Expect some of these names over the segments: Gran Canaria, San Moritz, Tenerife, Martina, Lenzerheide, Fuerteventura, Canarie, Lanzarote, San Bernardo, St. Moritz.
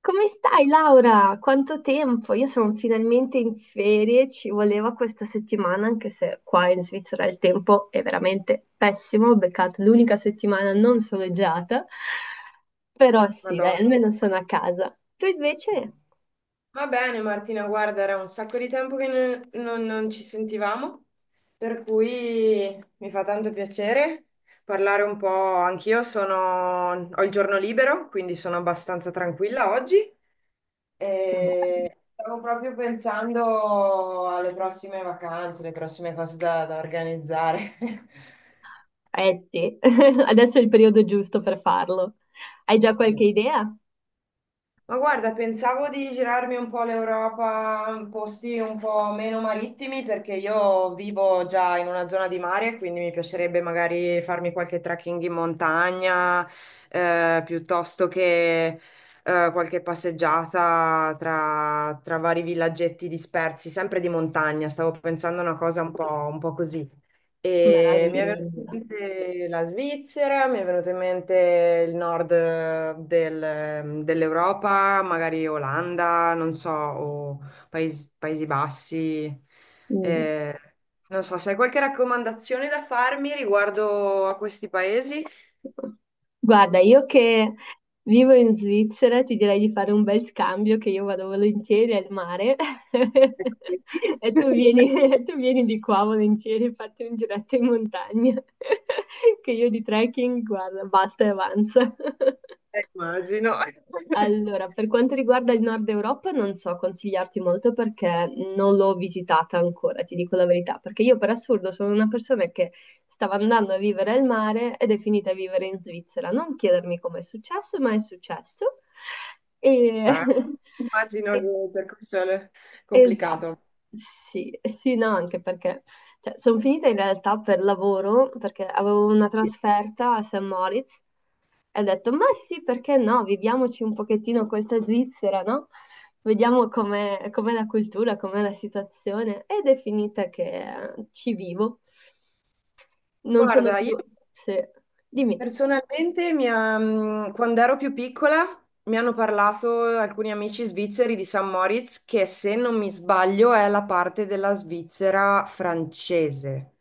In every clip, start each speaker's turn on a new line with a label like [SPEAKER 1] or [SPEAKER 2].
[SPEAKER 1] Come stai, Laura? Quanto tempo? Io sono finalmente in ferie, ci voleva questa settimana, anche se qua in Svizzera il tempo è veramente pessimo, ho beccato l'unica settimana non soleggiata, però sì, dai,
[SPEAKER 2] Madonna.
[SPEAKER 1] almeno sono a casa. Tu invece?
[SPEAKER 2] Va bene Martina, guarda, era un sacco di tempo che non ci sentivamo, per cui mi fa tanto piacere parlare un po'. Anch'io ho il giorno libero, quindi sono abbastanza tranquilla oggi.
[SPEAKER 1] Che bello.
[SPEAKER 2] E stavo proprio pensando alle prossime vacanze, le prossime cose da organizzare.
[SPEAKER 1] Eh sì, adesso è il periodo giusto per farlo. Hai già
[SPEAKER 2] Sì.
[SPEAKER 1] qualche idea?
[SPEAKER 2] Ma guarda, pensavo di girarmi un po' l'Europa in posti un po' meno marittimi perché io vivo già in una zona di mare, quindi mi piacerebbe magari farmi qualche trekking in montagna, piuttosto che qualche passeggiata tra vari villaggetti dispersi, sempre di montagna. Stavo pensando a una cosa un po' così. E mi è venuta
[SPEAKER 1] Meraviglia.
[SPEAKER 2] in mente la Svizzera, mi è venuto in mente il nord dell'Europa, magari Olanda, non so, o Paesi Bassi.
[SPEAKER 1] Mm.
[SPEAKER 2] Eh, Non so, se hai qualche raccomandazione da farmi riguardo a questi paesi?
[SPEAKER 1] Guarda, io che vivo in Svizzera ti direi di fare un bel scambio che io vado volentieri al mare e tu vieni, tu vieni di qua volentieri, fatti un giretto in montagna, che io di trekking, guarda, basta e avanza.
[SPEAKER 2] Immagino.
[SPEAKER 1] Allora, per quanto riguarda il Nord Europa, non so consigliarti molto perché non l'ho visitata ancora, ti dico la verità, perché io per assurdo sono una persona che stava andando a vivere al mare ed è finita a vivere in Svizzera. Non chiedermi come è successo, ma è successo. E...
[SPEAKER 2] Beh, immagino che
[SPEAKER 1] e-
[SPEAKER 2] il percorso è
[SPEAKER 1] Esatto,
[SPEAKER 2] complicato.
[SPEAKER 1] sì, sì, no, anche perché sono finita in realtà per lavoro, perché avevo una trasferta a St. Moritz. E ho detto, ma sì, perché no? Viviamoci un pochettino questa Svizzera, no? Vediamo com'è la cultura, com'è la situazione. Ed è finita che ci vivo. Non sono
[SPEAKER 2] Guarda,
[SPEAKER 1] più...
[SPEAKER 2] io
[SPEAKER 1] Sì, dimmi.
[SPEAKER 2] personalmente, quando ero più piccola, mi hanno parlato alcuni amici svizzeri di San Moritz, che se non mi sbaglio è la parte della Svizzera francese,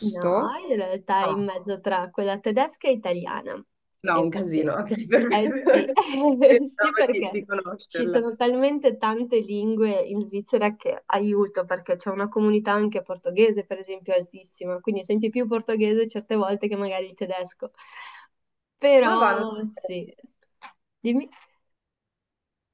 [SPEAKER 1] No, in realtà è in
[SPEAKER 2] No,
[SPEAKER 1] mezzo tra quella tedesca e italiana.
[SPEAKER 2] no,
[SPEAKER 1] E
[SPEAKER 2] un
[SPEAKER 1] infatti,
[SPEAKER 2] casino, ok,
[SPEAKER 1] eh sì,
[SPEAKER 2] perfetto.
[SPEAKER 1] sì,
[SPEAKER 2] Pensavo di,
[SPEAKER 1] perché
[SPEAKER 2] di
[SPEAKER 1] ci
[SPEAKER 2] conoscerla.
[SPEAKER 1] sono talmente tante lingue in Svizzera che aiuto, perché c'è una comunità anche portoghese, per esempio, altissima, quindi senti più portoghese certe volte che magari il tedesco.
[SPEAKER 2] Ma va, non...
[SPEAKER 1] Però
[SPEAKER 2] so,
[SPEAKER 1] sì, dimmi.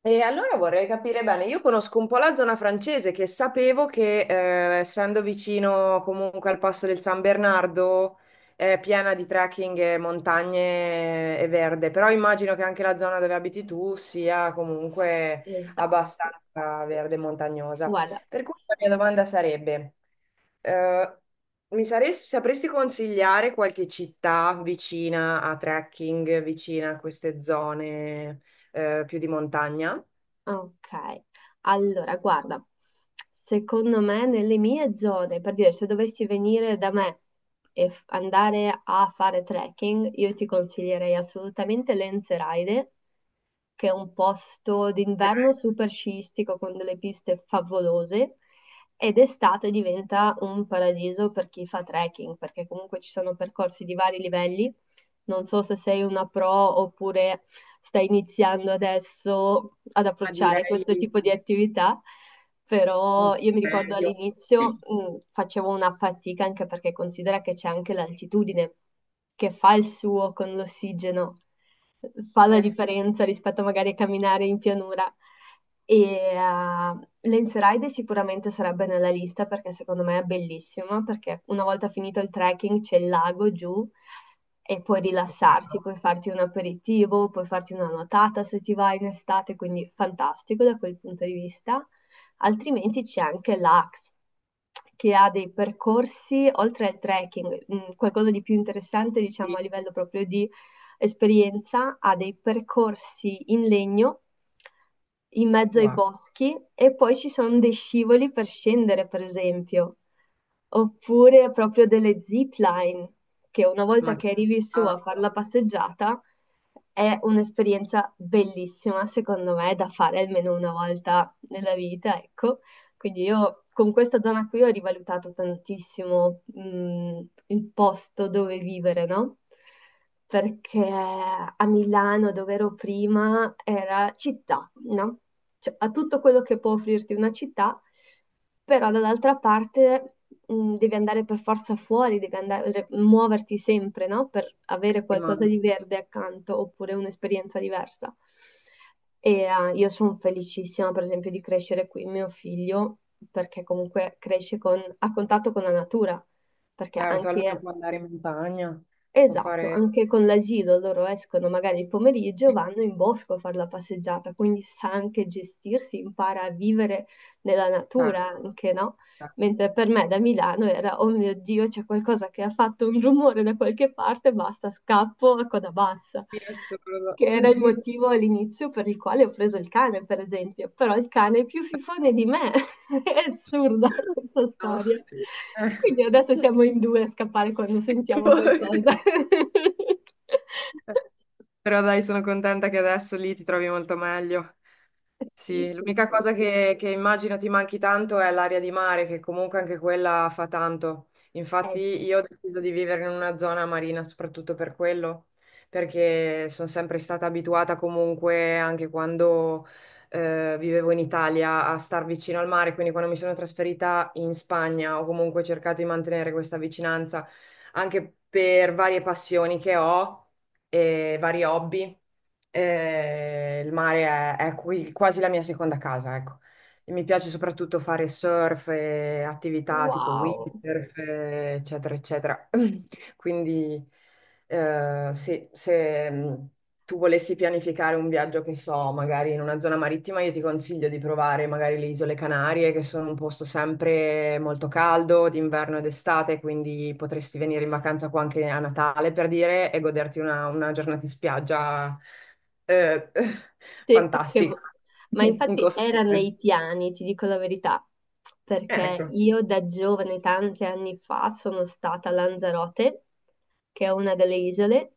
[SPEAKER 2] E allora vorrei capire bene, io conosco un po' la zona francese che sapevo che essendo vicino comunque al passo del San Bernardo è piena di trekking e montagne e verde, però immagino che anche la zona dove abiti tu sia comunque
[SPEAKER 1] Esatto,
[SPEAKER 2] abbastanza verde e montagnosa.
[SPEAKER 1] guarda.
[SPEAKER 2] Per cui la mia domanda sarebbe, eh, sapresti consigliare qualche città vicina a trekking, vicina a queste zone più di montagna?
[SPEAKER 1] Ok, allora guarda, secondo me nelle mie zone, per dire se dovessi venire da me e andare a fare trekking, io ti consiglierei assolutamente Lenzerheide, che è un posto
[SPEAKER 2] Ok,
[SPEAKER 1] d'inverno super sciistico con delle piste favolose ed estate diventa un paradiso per chi fa trekking, perché comunque ci sono percorsi di vari livelli non so se sei una pro oppure stai iniziando adesso ad
[SPEAKER 2] ma
[SPEAKER 1] approcciare
[SPEAKER 2] direi
[SPEAKER 1] questo tipo di attività, però
[SPEAKER 2] un
[SPEAKER 1] io mi ricordo
[SPEAKER 2] serio.
[SPEAKER 1] all'inizio facevo una fatica anche perché considera che c'è anche l'altitudine che fa il suo con l'ossigeno fa la
[SPEAKER 2] Eh sì,
[SPEAKER 1] differenza rispetto magari a camminare in pianura. E Lenze Ride sicuramente sarebbe nella lista perché secondo me è bellissimo, perché una volta finito il trekking c'è il lago giù e puoi rilassarti,
[SPEAKER 2] wow,
[SPEAKER 1] puoi farti un aperitivo, puoi farti una nuotata se ti vai in estate, quindi fantastico da quel punto di vista. Altrimenti c'è anche l'Axe, che ha dei percorsi, oltre al trekking, qualcosa di più interessante, diciamo,
[SPEAKER 2] sì,
[SPEAKER 1] a livello proprio di esperienza a dei percorsi in legno in mezzo ai
[SPEAKER 2] wow,
[SPEAKER 1] boschi e poi ci sono dei scivoli per scendere, per esempio, oppure proprio delle zipline, che una
[SPEAKER 2] ma
[SPEAKER 1] volta che arrivi su
[SPEAKER 2] ah,
[SPEAKER 1] a fare la passeggiata è un'esperienza bellissima, secondo me, da fare almeno una volta nella vita, ecco. Quindi io con questa zona qui ho rivalutato tantissimo, il posto dove vivere, no? Perché a Milano, dove ero prima, era città, no? Cioè, ha tutto quello che può offrirti una città, però dall'altra parte devi andare per forza fuori, devi andare, muoverti sempre, no? Per avere qualcosa
[SPEAKER 2] settimana.
[SPEAKER 1] di verde accanto oppure un'esperienza diversa. E io sono felicissima, per esempio, di crescere qui mio figlio, perché comunque cresce con, a contatto con la natura, perché
[SPEAKER 2] Certo, almeno
[SPEAKER 1] anche,
[SPEAKER 2] può andare in montagna, può
[SPEAKER 1] esatto,
[SPEAKER 2] fare.
[SPEAKER 1] anche con l'asilo loro escono magari il pomeriggio, vanno in bosco a fare la passeggiata, quindi sa anche gestirsi, impara a vivere nella
[SPEAKER 2] Cioè,
[SPEAKER 1] natura anche, no?
[SPEAKER 2] cioè,
[SPEAKER 1] Mentre per me da Milano era, oh mio Dio, c'è qualcosa che ha fatto un rumore da qualche parte, basta, scappo a coda bassa,
[SPEAKER 2] sì, è solo
[SPEAKER 1] che era il
[SPEAKER 2] così.
[SPEAKER 1] motivo all'inizio per il quale ho preso il cane, per esempio. Però il cane è più fifone di me, è assurda questa
[SPEAKER 2] No.
[SPEAKER 1] storia. Quindi adesso
[SPEAKER 2] Eh.
[SPEAKER 1] siamo in due a scappare quando
[SPEAKER 2] Ecco.
[SPEAKER 1] sentiamo qualcosa.
[SPEAKER 2] Però dai, sono contenta che adesso lì ti trovi molto meglio.
[SPEAKER 1] Sì,
[SPEAKER 2] Sì,
[SPEAKER 1] sì,
[SPEAKER 2] l'unica
[SPEAKER 1] sì.
[SPEAKER 2] cosa che immagino ti manchi tanto è l'aria di mare, che comunque anche quella fa tanto.
[SPEAKER 1] Eh
[SPEAKER 2] Infatti
[SPEAKER 1] sì.
[SPEAKER 2] io ho deciso di vivere in una zona marina soprattutto per quello, perché sono sempre stata abituata comunque, anche quando vivevo in Italia, a star vicino al mare, quindi quando mi sono trasferita in Spagna ho comunque cercato di mantenere questa vicinanza anche per varie passioni che ho e vari hobby. Il mare è quasi la mia seconda casa, ecco. E mi piace soprattutto fare surf e attività tipo
[SPEAKER 1] Wow.
[SPEAKER 2] windsurf, eccetera, eccetera. Quindi, sì, se tu volessi pianificare un viaggio, che so, magari in una zona marittima, io ti consiglio di provare magari le Isole Canarie, che sono un posto sempre molto caldo, d'inverno ed estate, quindi potresti venire in vacanza qua anche a Natale, per dire, e goderti una giornata in spiaggia eh,
[SPEAKER 1] Sì,
[SPEAKER 2] fantastica,
[SPEAKER 1] ma
[SPEAKER 2] in
[SPEAKER 1] infatti era
[SPEAKER 2] costume.
[SPEAKER 1] nei piani, ti dico la verità, perché
[SPEAKER 2] Ecco,
[SPEAKER 1] io da giovane, tanti anni fa, sono stata a Lanzarote, che è una delle isole,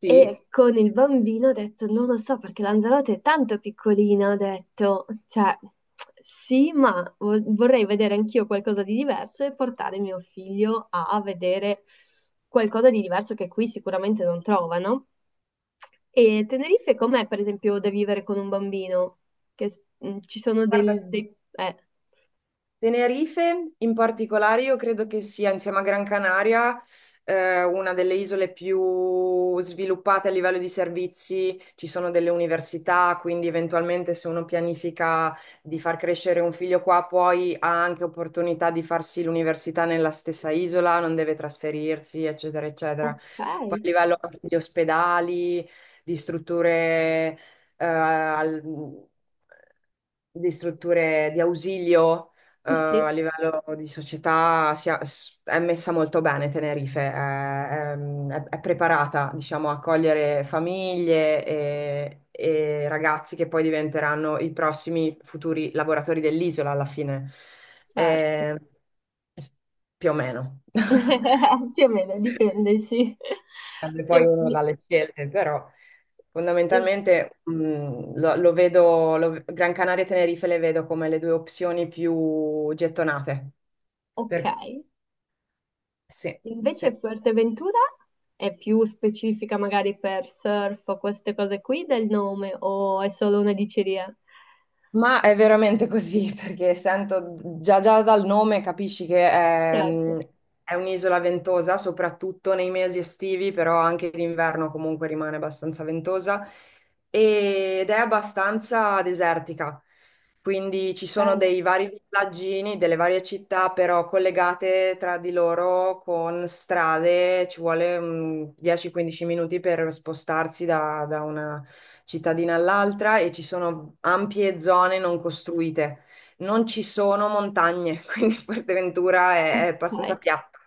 [SPEAKER 2] sì.
[SPEAKER 1] e con il bambino ho detto, non lo so, perché Lanzarote è tanto piccolina, ho detto, cioè, sì, ma vorrei vedere anch'io qualcosa di diverso e portare mio figlio a vedere qualcosa di diverso che qui sicuramente non trovano. E Tenerife com'è, per esempio, da vivere con un bambino? Che ci sono
[SPEAKER 2] Guarda,
[SPEAKER 1] dei...
[SPEAKER 2] Tenerife in particolare io credo che sia insieme a Gran Canaria una delle isole più sviluppate a livello di servizi, ci sono delle università, quindi eventualmente se uno pianifica di far crescere un figlio qua, poi ha anche opportunità di farsi l'università nella stessa isola, non deve trasferirsi, eccetera, eccetera.
[SPEAKER 1] ok,
[SPEAKER 2] Poi a livello anche di ospedali, di strutture... eh, al- di strutture di ausilio
[SPEAKER 1] sì, sì,
[SPEAKER 2] a livello di società è messa molto bene Tenerife, è, è preparata, diciamo, a accogliere famiglie e ragazzi che poi diventeranno i prossimi futuri lavoratori dell'isola alla fine.
[SPEAKER 1] certo.
[SPEAKER 2] Eh, s- Più o meno.
[SPEAKER 1] Più o meno, dipende, sì.
[SPEAKER 2] Dipende poi
[SPEAKER 1] Io-
[SPEAKER 2] uno dalle scelte, però
[SPEAKER 1] io-
[SPEAKER 2] fondamentalmente lo vedo. Gran Canaria e Tenerife le vedo come le due opzioni più gettonate.
[SPEAKER 1] ok.
[SPEAKER 2] Per Sì,
[SPEAKER 1] Invece
[SPEAKER 2] sì.
[SPEAKER 1] Fuerteventura è più specifica magari per surf o queste cose qui del nome, o è solo una diceria?
[SPEAKER 2] Ma è veramente così, perché sento già dal nome capisci che è,
[SPEAKER 1] Certo.
[SPEAKER 2] mm, è un'isola ventosa, soprattutto nei mesi estivi, però anche l'inverno comunque rimane abbastanza ventosa ed è abbastanza desertica. Quindi ci sono
[SPEAKER 1] Eh,
[SPEAKER 2] dei vari villaggini, delle varie città, però collegate tra di loro con strade, ci vuole 10-15 minuti per spostarsi da una cittadina all'altra e ci sono ampie zone non costruite. Non ci sono montagne, quindi Fuerteventura è abbastanza
[SPEAKER 1] ok,
[SPEAKER 2] piatta.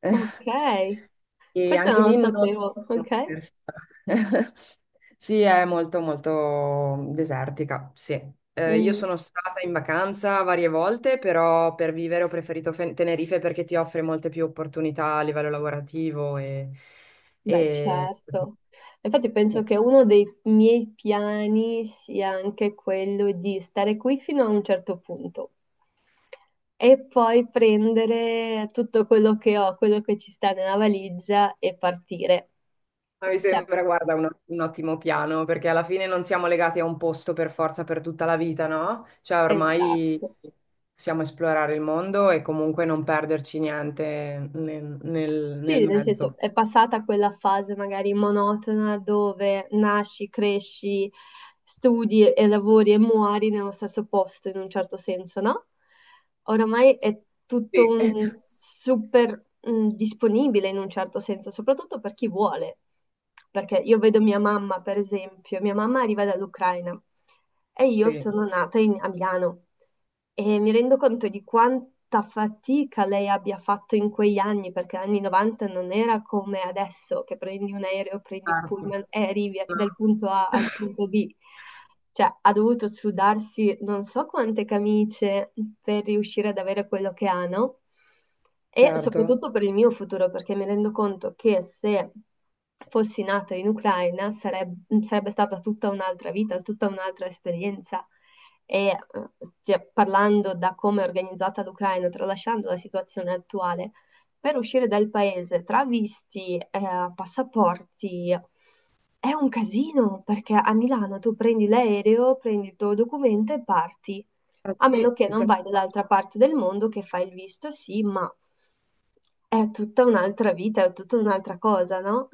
[SPEAKER 1] ok.
[SPEAKER 2] E
[SPEAKER 1] Questo
[SPEAKER 2] anche
[SPEAKER 1] non lo
[SPEAKER 2] lì non
[SPEAKER 1] sapevo,
[SPEAKER 2] è una
[SPEAKER 1] ok?
[SPEAKER 2] persona. Sì, è molto molto desertica, sì. Io
[SPEAKER 1] Mm.
[SPEAKER 2] sono stata in vacanza varie volte, però per vivere ho preferito Tenerife perché ti offre molte più opportunità a livello lavorativo.
[SPEAKER 1] Beh,
[SPEAKER 2] E-
[SPEAKER 1] certo. Infatti penso che uno dei miei piani sia anche quello di stare qui fino a un certo punto e poi prendere tutto quello che ho, quello che ci sta nella valigia e partire.
[SPEAKER 2] Ma mi
[SPEAKER 1] Cioè,
[SPEAKER 2] sembra, guarda, un ottimo piano, perché alla fine non siamo legati a un posto per forza per tutta la vita, no? Cioè, ormai
[SPEAKER 1] esatto.
[SPEAKER 2] possiamo esplorare il mondo e comunque non perderci niente nel, nel
[SPEAKER 1] Sì, nel senso
[SPEAKER 2] mezzo.
[SPEAKER 1] è passata quella fase magari monotona dove nasci, cresci, studi e lavori e muori nello stesso posto in un certo senso, no? Oramai è tutto
[SPEAKER 2] Sì,
[SPEAKER 1] un super disponibile in un certo senso, soprattutto per chi vuole. Perché io vedo mia mamma, per esempio, mia mamma arriva dall'Ucraina e io
[SPEAKER 2] sì,
[SPEAKER 1] sono nata a Milano. E mi rendo conto di quanta fatica lei abbia fatto in quegli anni, perché negli anni 90 non era come adesso, che prendi un aereo, prendi un
[SPEAKER 2] certo.
[SPEAKER 1] pullman e arrivi
[SPEAKER 2] No.
[SPEAKER 1] dal punto A al punto B. Cioè, ha dovuto sudarsi non so quante camicie per riuscire ad avere quello che ha, no? E
[SPEAKER 2] Certo.
[SPEAKER 1] soprattutto per il mio futuro, perché mi rendo conto che se fossi nata in Ucraina sarebbe stata tutta un'altra vita, tutta un'altra esperienza e cioè, parlando da come è organizzata l'Ucraina, tralasciando la situazione attuale, per uscire dal paese tra visti, passaporti, è un casino perché a Milano tu prendi l'aereo, prendi il tuo documento e parti
[SPEAKER 2] Eh
[SPEAKER 1] a
[SPEAKER 2] sì,
[SPEAKER 1] meno che
[SPEAKER 2] è
[SPEAKER 1] non vai
[SPEAKER 2] sempre
[SPEAKER 1] dall'altra parte del mondo che fai il visto, sì, ma è tutta un'altra vita, è tutta un'altra cosa, no?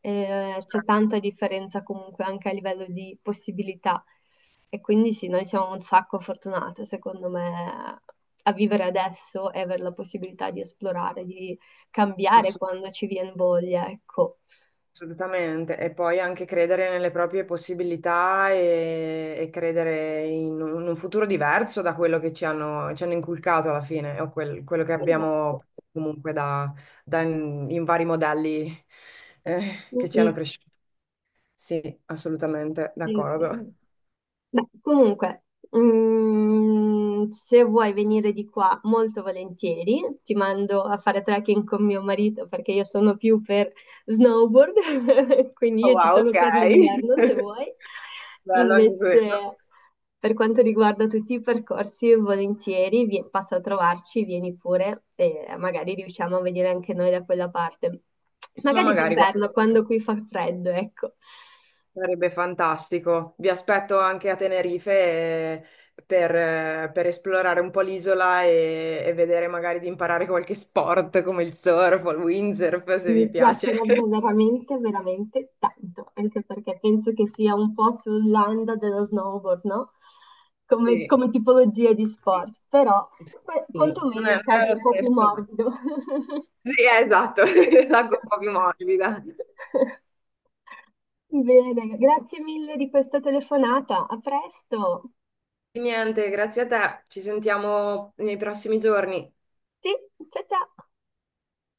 [SPEAKER 1] C'è tanta differenza comunque anche a livello di possibilità e quindi sì, noi siamo un sacco fortunate, secondo me, a vivere adesso e avere la possibilità di esplorare, di cambiare
[SPEAKER 2] facile.
[SPEAKER 1] quando ci viene voglia, ecco.
[SPEAKER 2] Assolutamente, e poi anche credere nelle proprie possibilità e credere in un futuro diverso da quello che ci hanno inculcato alla fine, o quello che
[SPEAKER 1] Esatto.
[SPEAKER 2] abbiamo comunque da in vari modelli
[SPEAKER 1] Mm,
[SPEAKER 2] che ci hanno
[SPEAKER 1] mm.
[SPEAKER 2] cresciuto. Sì, assolutamente,
[SPEAKER 1] È vero.
[SPEAKER 2] d'accordo.
[SPEAKER 1] Beh, comunque, se vuoi venire di qua, molto volentieri, ti mando a fare trekking con mio marito perché io sono più per snowboard, quindi
[SPEAKER 2] Oh,
[SPEAKER 1] io ci
[SPEAKER 2] wow, ok.
[SPEAKER 1] sono per l'inverno se vuoi.
[SPEAKER 2] Bello anche quello.
[SPEAKER 1] Invece, per quanto riguarda tutti i percorsi, volentieri, passa a trovarci, vieni pure e magari riusciamo a venire anche noi da quella parte.
[SPEAKER 2] Ma
[SPEAKER 1] Magari
[SPEAKER 2] magari guarda.
[SPEAKER 1] d'inverno, quando qui fa freddo, ecco.
[SPEAKER 2] Sarebbe fantastico. Vi aspetto anche a Tenerife per esplorare un po' l'isola e vedere magari di imparare qualche sport come il surf o il windsurf se
[SPEAKER 1] Mi
[SPEAKER 2] vi piace.
[SPEAKER 1] piacerebbe veramente, veramente tanto, anche perché penso che sia un po' sull'anda dello snowboard, no? Come,
[SPEAKER 2] Sì,
[SPEAKER 1] come tipologia di
[SPEAKER 2] sì,
[SPEAKER 1] sport, però
[SPEAKER 2] sì. Non
[SPEAKER 1] quantomeno
[SPEAKER 2] è, non
[SPEAKER 1] cadi
[SPEAKER 2] è lo
[SPEAKER 1] un po' più
[SPEAKER 2] stesso, ma.
[SPEAKER 1] morbido.
[SPEAKER 2] Sì, esatto, l'acqua un po' più morbida.
[SPEAKER 1] Bene, grazie mille di questa telefonata. A presto.
[SPEAKER 2] E niente, grazie a te. Ci sentiamo nei prossimi giorni.
[SPEAKER 1] Sì, ciao ciao.